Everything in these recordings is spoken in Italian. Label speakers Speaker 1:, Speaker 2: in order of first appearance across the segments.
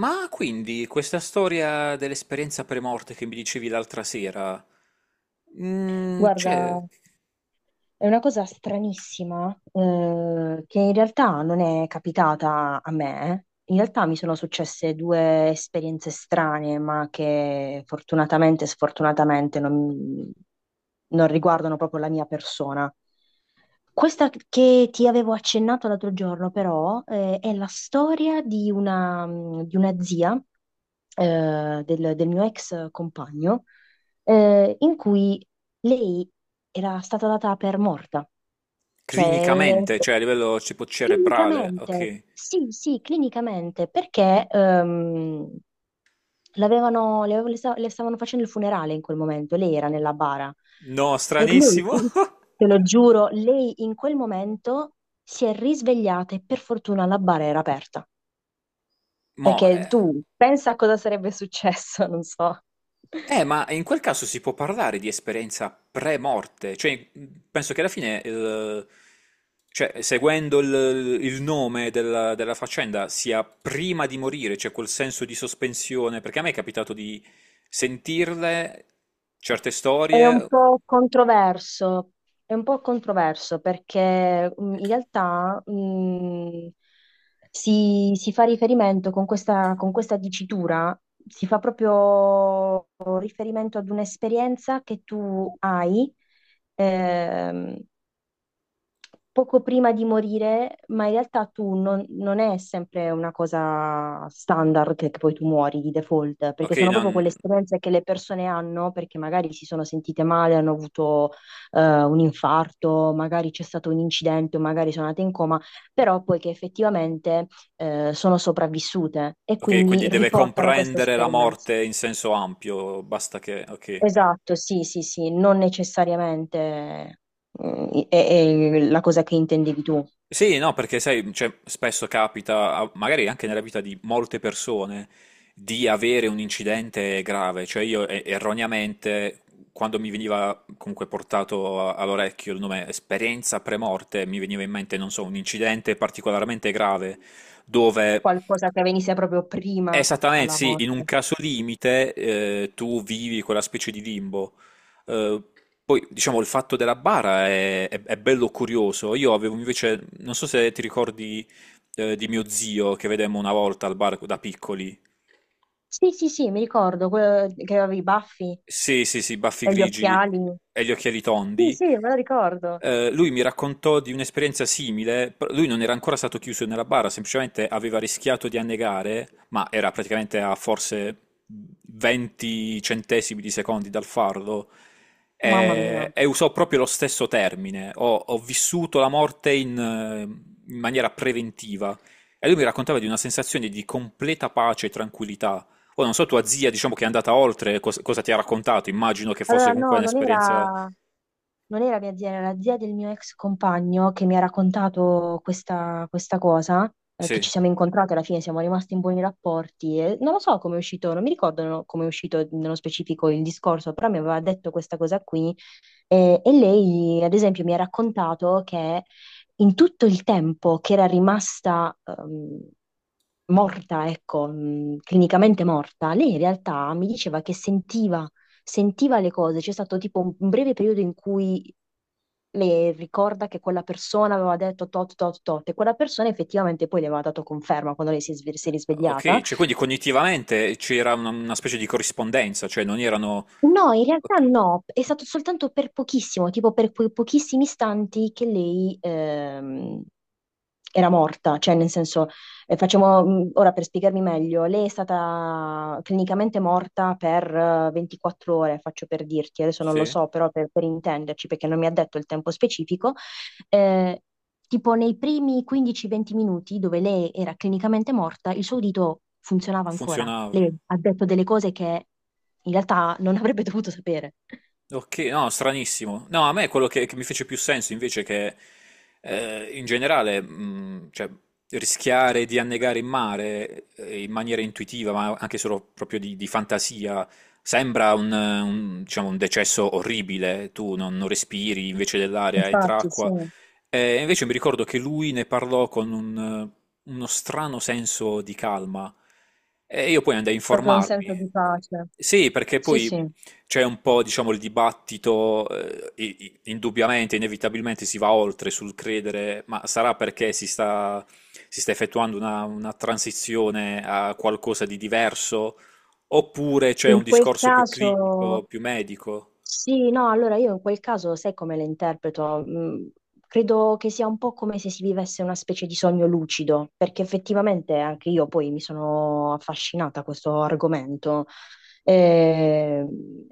Speaker 1: Ma quindi questa storia dell'esperienza premorte che mi dicevi l'altra sera,
Speaker 2: Guarda,
Speaker 1: cioè,
Speaker 2: è una cosa stranissima, che in realtà non è capitata a me. In realtà mi sono successe due esperienze strane, ma che fortunatamente e sfortunatamente non riguardano proprio la mia persona. Questa che ti avevo accennato l'altro giorno, però, è la storia di una zia del mio ex compagno, in cui lei era stata data per morta, cioè
Speaker 1: clinicamente, cioè a livello tipo cerebrale,
Speaker 2: clinicamente,
Speaker 1: ok.
Speaker 2: sì, sì, clinicamente, perché l'avevano, le, avev- le sta- le stavano facendo il funerale in quel momento, lei era nella bara
Speaker 1: No,
Speaker 2: e lei,
Speaker 1: stranissimo.
Speaker 2: te lo giuro, lei in quel momento si è risvegliata e per fortuna la bara era aperta,
Speaker 1: Mo,
Speaker 2: perché
Speaker 1: eh,
Speaker 2: tu pensa a cosa sarebbe successo, non so.
Speaker 1: ma in quel caso si può parlare di esperienza pre-morte, cioè penso che alla fine, cioè, seguendo il nome della faccenda, sia prima di morire, cioè quel senso di sospensione, perché a me è capitato di sentirle certe
Speaker 2: È un
Speaker 1: storie,
Speaker 2: po' controverso, è un po' controverso perché in realtà si fa riferimento con questa dicitura, si fa proprio riferimento ad un'esperienza che tu hai, ehm, poco prima di morire, ma in realtà tu non, non è sempre una cosa standard che poi tu muori di default, perché
Speaker 1: ok,
Speaker 2: sono proprio quelle esperienze che le persone hanno, perché magari si sono sentite male, hanno avuto un infarto, magari c'è stato un incidente, o magari sono andate in coma, però poi che effettivamente sono sopravvissute e
Speaker 1: ok,
Speaker 2: quindi
Speaker 1: quindi deve
Speaker 2: riportano questa
Speaker 1: comprendere la
Speaker 2: esperienza.
Speaker 1: morte in senso ampio, basta che, ok.
Speaker 2: Esatto, sì, sì, sì, non necessariamente mm, è la cosa che intendevi tu.
Speaker 1: Sì, no, perché sai, cioè, spesso capita, magari anche nella vita di molte persone, di avere un incidente grave. Cioè io erroneamente, quando mi veniva comunque portato all'orecchio il nome esperienza premorte, mi veniva in mente, non so, un incidente particolarmente grave dove.
Speaker 2: Qualcosa che venisse proprio prima
Speaker 1: Esattamente,
Speaker 2: alla
Speaker 1: sì, in un
Speaker 2: morte.
Speaker 1: caso limite tu vivi quella specie di limbo. Eh, Poi, diciamo, il fatto della bara è, è bello curioso. Io avevo invece, non so se ti ricordi di mio zio che vedemmo una volta al bar da piccoli.
Speaker 2: Sì, sì, sì, mi ricordo, quello che aveva i baffi
Speaker 1: Sì, sì, sì, baffi
Speaker 2: e gli
Speaker 1: grigi
Speaker 2: occhiali.
Speaker 1: e gli occhiali
Speaker 2: Sì,
Speaker 1: tondi.
Speaker 2: sì, me lo ricordo.
Speaker 1: Lui mi raccontò di un'esperienza simile. Però lui non era ancora stato chiuso nella bara, semplicemente aveva rischiato di annegare, ma era praticamente a forse 20 centesimi di secondi dal fardo.
Speaker 2: Mamma mia.
Speaker 1: E usò proprio lo stesso termine. Ho vissuto la morte in maniera preventiva. E lui mi raccontava di una sensazione di completa pace e tranquillità. Poi non so, tua zia, diciamo che è andata oltre, cosa ti ha raccontato? Immagino che fosse
Speaker 2: Allora,
Speaker 1: comunque
Speaker 2: no, non
Speaker 1: un'esperienza...
Speaker 2: era... Non era mia zia, era la zia del mio ex compagno che mi ha raccontato questa, questa cosa, che
Speaker 1: Sì,
Speaker 2: ci siamo incontrati alla fine, siamo rimasti in buoni rapporti. E non lo so come è uscito, non mi ricordo come è uscito nello specifico il discorso, però mi aveva detto questa cosa qui. Eh, e lei, ad esempio, mi ha raccontato che in tutto il tempo che era rimasta, morta, ecco, clinicamente morta, lei in realtà mi diceva che sentiva le cose, c'è stato tipo un breve periodo in cui le ricorda che quella persona aveva detto tot tot tot e quella persona effettivamente poi le aveva dato conferma quando lei si è
Speaker 1: ok,
Speaker 2: risvegliata.
Speaker 1: cioè quindi cognitivamente c'era una specie di corrispondenza, cioè non erano...
Speaker 2: No, in realtà
Speaker 1: Ok,
Speaker 2: no, è stato soltanto per pochissimo, tipo per quei pochissimi istanti che lei era morta, cioè nel senso, facciamo, ora per spiegarmi meglio, lei è stata clinicamente morta per 24 ore, faccio per dirti, adesso non lo
Speaker 1: sì,
Speaker 2: so, però per intenderci, perché non mi ha detto il tempo specifico, eh, tipo nei primi 15-20 minuti dove lei era clinicamente morta, il suo udito funzionava ancora.
Speaker 1: funzionava.
Speaker 2: Lei ha detto delle cose che in realtà non avrebbe dovuto sapere.
Speaker 1: Ok, no, stranissimo. No, a me quello che mi fece più senso invece che in generale, cioè, rischiare di annegare in mare in maniera intuitiva, ma anche solo proprio di fantasia, sembra un, diciamo, un decesso orribile. Tu non respiri, invece dell'aria entra
Speaker 2: Infatti, sì,
Speaker 1: acqua. E invece mi ricordo che lui ne parlò con uno strano senso di calma. E io poi andai a
Speaker 2: proprio un senso
Speaker 1: informarmi.
Speaker 2: di pace.
Speaker 1: Sì, perché
Speaker 2: Sì,
Speaker 1: poi
Speaker 2: sì.
Speaker 1: c'è un po', diciamo, il dibattito, indubbiamente, inevitabilmente si va oltre sul credere, ma sarà perché si sta effettuando una transizione a qualcosa di diverso, oppure c'è
Speaker 2: In
Speaker 1: un
Speaker 2: quel
Speaker 1: discorso più clinico,
Speaker 2: caso,
Speaker 1: più medico?
Speaker 2: sì, no, allora io in quel caso sai come le interpreto? Mm, credo che sia un po' come se si vivesse una specie di sogno lucido, perché effettivamente anche io poi mi sono affascinata a questo argomento. Eh,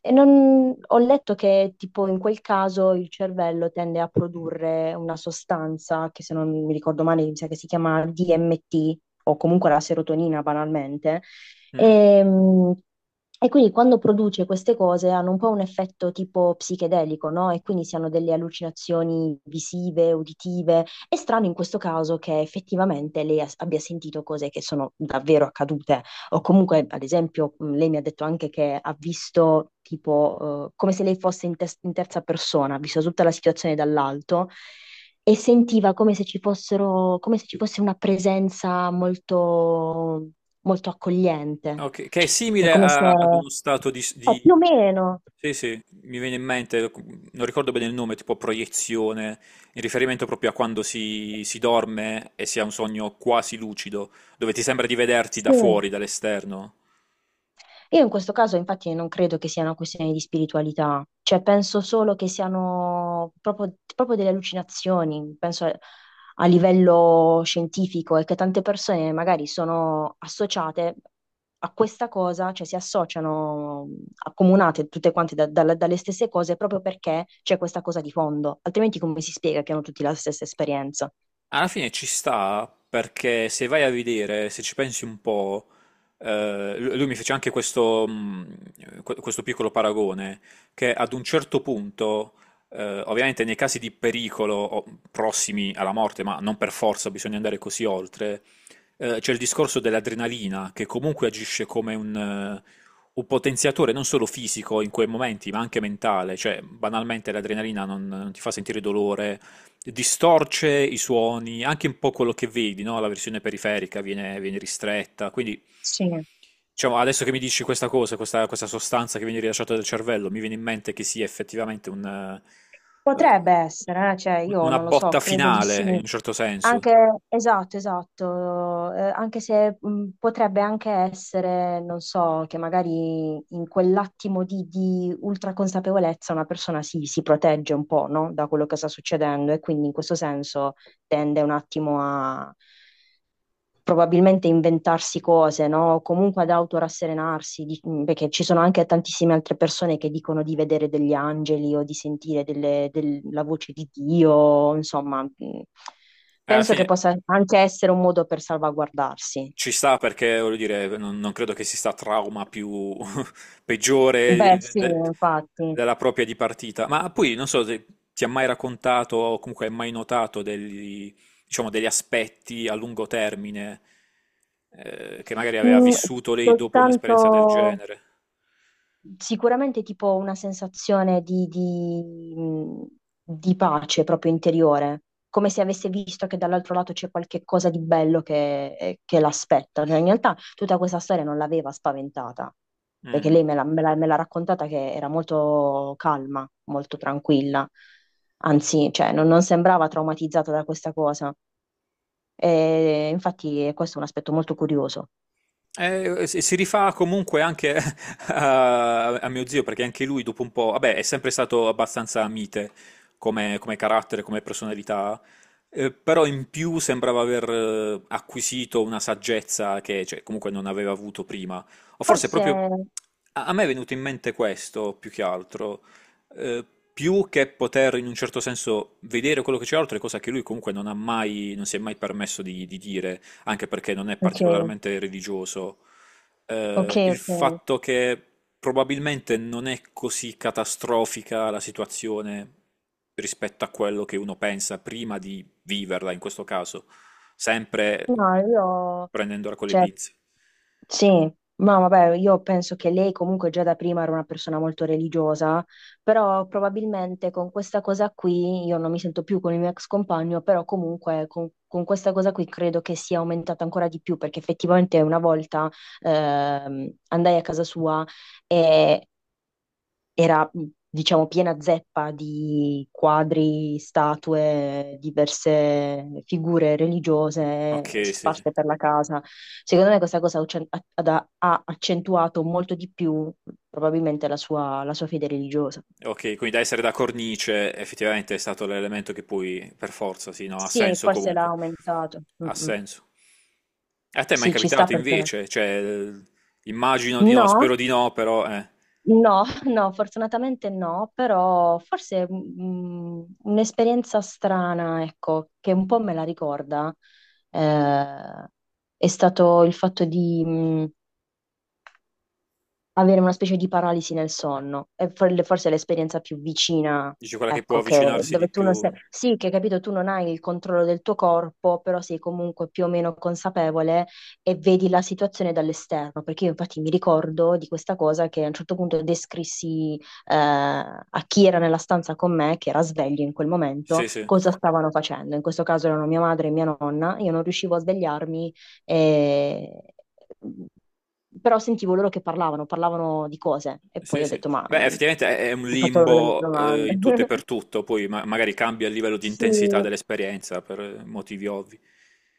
Speaker 2: E, ho letto che tipo in quel caso il cervello tende a produrre una sostanza che se non mi ricordo male mi sa che si chiama DMT o comunque la serotonina banalmente
Speaker 1: Mm.
Speaker 2: e, mh, e quindi quando produce queste cose hanno un po' un effetto tipo psichedelico, no? E quindi si hanno delle allucinazioni visive, uditive. È strano in questo caso che effettivamente lei abbia sentito cose che sono davvero accadute. O comunque, ad esempio, lei mi ha detto anche che ha visto tipo come se lei fosse in terza persona, ha visto tutta la situazione dall'alto e sentiva come se ci fossero, come se ci fosse una presenza molto accogliente,
Speaker 1: Ok, che è
Speaker 2: è
Speaker 1: simile
Speaker 2: come se...
Speaker 1: ad uno stato di, s-
Speaker 2: è più o
Speaker 1: di...
Speaker 2: meno,
Speaker 1: Sì, sì, mi viene in mente, non ricordo bene il nome, tipo proiezione, in riferimento proprio a quando si dorme e si ha un sogno quasi lucido, dove ti sembra di vederti da
Speaker 2: sì.
Speaker 1: fuori, dall'esterno.
Speaker 2: Io in questo caso infatti non credo che sia una questione di spiritualità, cioè penso solo che siano proprio, proprio delle allucinazioni, penso a, a livello scientifico e che tante persone magari sono associate a questa cosa, cioè si associano, accomunate tutte quante dalle stesse cose proprio perché c'è questa cosa di fondo, altrimenti come si spiega che hanno tutti la stessa esperienza?
Speaker 1: Alla fine ci sta perché se vai a vedere, se ci pensi un po', lui mi fece anche questo, questo piccolo paragone, che ad un certo punto, ovviamente nei casi di pericolo o prossimi alla morte, ma non per forza bisogna andare così oltre, c'è il discorso dell'adrenalina che comunque agisce come un potenziatore non solo fisico in quei momenti, ma anche mentale, cioè banalmente l'adrenalina non ti fa sentire dolore, distorce i suoni, anche un po' quello che vedi, no? La versione periferica viene ristretta, quindi
Speaker 2: Sì.
Speaker 1: diciamo, adesso che mi dici questa cosa, questa sostanza che viene rilasciata dal cervello, mi viene in mente che sia effettivamente un, eh,
Speaker 2: Potrebbe essere, cioè io
Speaker 1: una
Speaker 2: non lo so,
Speaker 1: botta
Speaker 2: credo di sì.
Speaker 1: finale, in un certo senso.
Speaker 2: Anche, esatto, esatto, anche se potrebbe anche essere, non so, che magari in quell'attimo di ultra consapevolezza una persona si protegge un po', no? Da quello che sta succedendo e quindi in questo senso tende un attimo a, probabilmente inventarsi cose, no? O comunque ad autorasserenarsi, perché ci sono anche tantissime altre persone che dicono di vedere degli angeli o di sentire la voce di Dio, insomma,
Speaker 1: E alla
Speaker 2: penso che
Speaker 1: fine
Speaker 2: possa anche essere un modo per salvaguardarsi.
Speaker 1: ci sta perché, voglio dire, non credo che si sta trauma più, peggiore
Speaker 2: Beh, sì, infatti.
Speaker 1: della propria di partita. Ma poi non so se ti ha mai raccontato o comunque hai mai notato degli, diciamo, degli aspetti a lungo termine che magari aveva
Speaker 2: Mm,
Speaker 1: vissuto lei dopo un'esperienza del
Speaker 2: soltanto...
Speaker 1: genere.
Speaker 2: Sicuramente tipo una sensazione di pace proprio interiore, come se avesse visto che dall'altro lato c'è qualche cosa di bello che l'aspetta. Cioè, in realtà tutta questa storia non l'aveva spaventata, perché
Speaker 1: Mm.
Speaker 2: lei me l'ha raccontata che era molto calma, molto tranquilla, anzi, cioè, non sembrava traumatizzata da questa cosa. E, infatti questo è un aspetto molto curioso.
Speaker 1: Si rifà comunque anche a, a mio zio, perché anche lui dopo un po', vabbè, è sempre stato abbastanza mite come carattere, come personalità, però in più sembrava aver acquisito una saggezza che, cioè, comunque non aveva avuto prima. O forse
Speaker 2: Forse...
Speaker 1: proprio a me è venuto in mente questo più che altro, eh, più che poter in un certo senso vedere quello che c'è oltre, cosa che lui comunque non ha mai, non si è mai permesso di dire anche perché non è
Speaker 2: Ok,
Speaker 1: particolarmente religioso,
Speaker 2: ok,
Speaker 1: il
Speaker 2: ok.
Speaker 1: fatto che probabilmente non è così catastrofica la situazione rispetto a quello che uno pensa prima di viverla, in questo caso, sempre
Speaker 2: No, io,
Speaker 1: prendendola con le
Speaker 2: cioè,
Speaker 1: pinze.
Speaker 2: sì, ma vabbè, io penso che lei comunque già da prima era una persona molto religiosa, però probabilmente con questa cosa qui, io non mi sento più con il mio ex compagno, però comunque con questa cosa qui credo che sia aumentata ancora di più, perché effettivamente una volta andai a casa sua e era, diciamo, piena zeppa di quadri, statue, diverse figure
Speaker 1: Ok,
Speaker 2: religiose
Speaker 1: sì, sì.
Speaker 2: sparse per la casa. Secondo me questa cosa ha uccen- ha- ha- ha accentuato molto di più probabilmente la sua fede religiosa.
Speaker 1: Ok, quindi da essere da cornice effettivamente è stato l'elemento che poi, per forza, sì, no, ha
Speaker 2: Sì,
Speaker 1: senso
Speaker 2: forse l'ha
Speaker 1: comunque.
Speaker 2: aumentato.
Speaker 1: Ha
Speaker 2: Mm, mm.
Speaker 1: senso. A te è mai
Speaker 2: Sì, ci sta
Speaker 1: capitato
Speaker 2: per te.
Speaker 1: invece? Cioè, immagino di no,
Speaker 2: No?
Speaker 1: spero di no, però,
Speaker 2: No, no, fortunatamente no, però forse mm, mm, un'esperienza strana, ecco, che un po' me la ricorda, eh, è stato il fatto di, mm, avere una specie di paralisi nel sonno. È forse l'esperienza più vicina,
Speaker 1: dici quella che può
Speaker 2: ecco, che
Speaker 1: avvicinarsi
Speaker 2: dove
Speaker 1: di
Speaker 2: tu non
Speaker 1: più.
Speaker 2: sei... Sì, che capito, tu non hai il controllo del tuo corpo, però sei comunque più o meno consapevole e vedi la situazione dall'esterno. Perché io infatti mi ricordo di questa cosa che a un certo punto descrissi a chi era nella stanza con me, che era sveglio in quel momento,
Speaker 1: Sì, sì,
Speaker 2: cosa stavano facendo. In questo caso erano mia madre e mia nonna. Io non riuscivo a svegliarmi e però sentivo loro che parlavano, parlavano di cose e poi
Speaker 1: sì,
Speaker 2: ho
Speaker 1: sì.
Speaker 2: detto, ma
Speaker 1: Beh,
Speaker 2: mm,
Speaker 1: effettivamente è un
Speaker 2: ho fatto loro delle
Speaker 1: limbo, in
Speaker 2: domande.
Speaker 1: tutto e per tutto, poi magari cambia il livello di
Speaker 2: Sì,
Speaker 1: intensità dell'esperienza per motivi ovvi.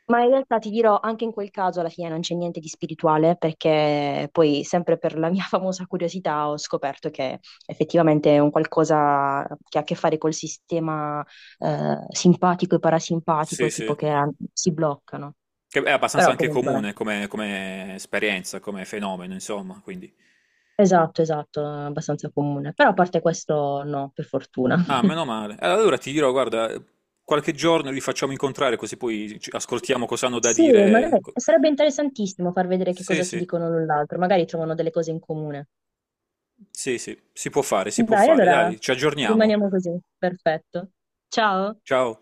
Speaker 2: ma in realtà ti dirò, anche in quel caso alla fine non c'è niente di spirituale perché poi sempre per la mia famosa curiosità ho scoperto che effettivamente è un qualcosa che ha a che fare col sistema simpatico e parasimpatico,
Speaker 1: Sì,
Speaker 2: tipo
Speaker 1: sì.
Speaker 2: che ah, si bloccano.
Speaker 1: Che è abbastanza
Speaker 2: Però
Speaker 1: anche
Speaker 2: comunque,
Speaker 1: comune come esperienza, come fenomeno, insomma, quindi.
Speaker 2: esatto, esatto, è abbastanza comune. Però a parte questo no, per fortuna.
Speaker 1: Ah, meno male. Allora ti dirò, guarda, qualche giorno li facciamo incontrare così poi ascoltiamo cosa hanno da
Speaker 2: Sì,
Speaker 1: dire.
Speaker 2: magari sarebbe interessantissimo far vedere che
Speaker 1: Sì,
Speaker 2: cosa si
Speaker 1: sì,
Speaker 2: dicono l'un l'altro, magari trovano delle cose in comune.
Speaker 1: sì, sì, si può fare, si può
Speaker 2: Dai,
Speaker 1: fare.
Speaker 2: allora
Speaker 1: Dai, ci aggiorniamo.
Speaker 2: rimaniamo così. Perfetto. Ciao.
Speaker 1: Ciao.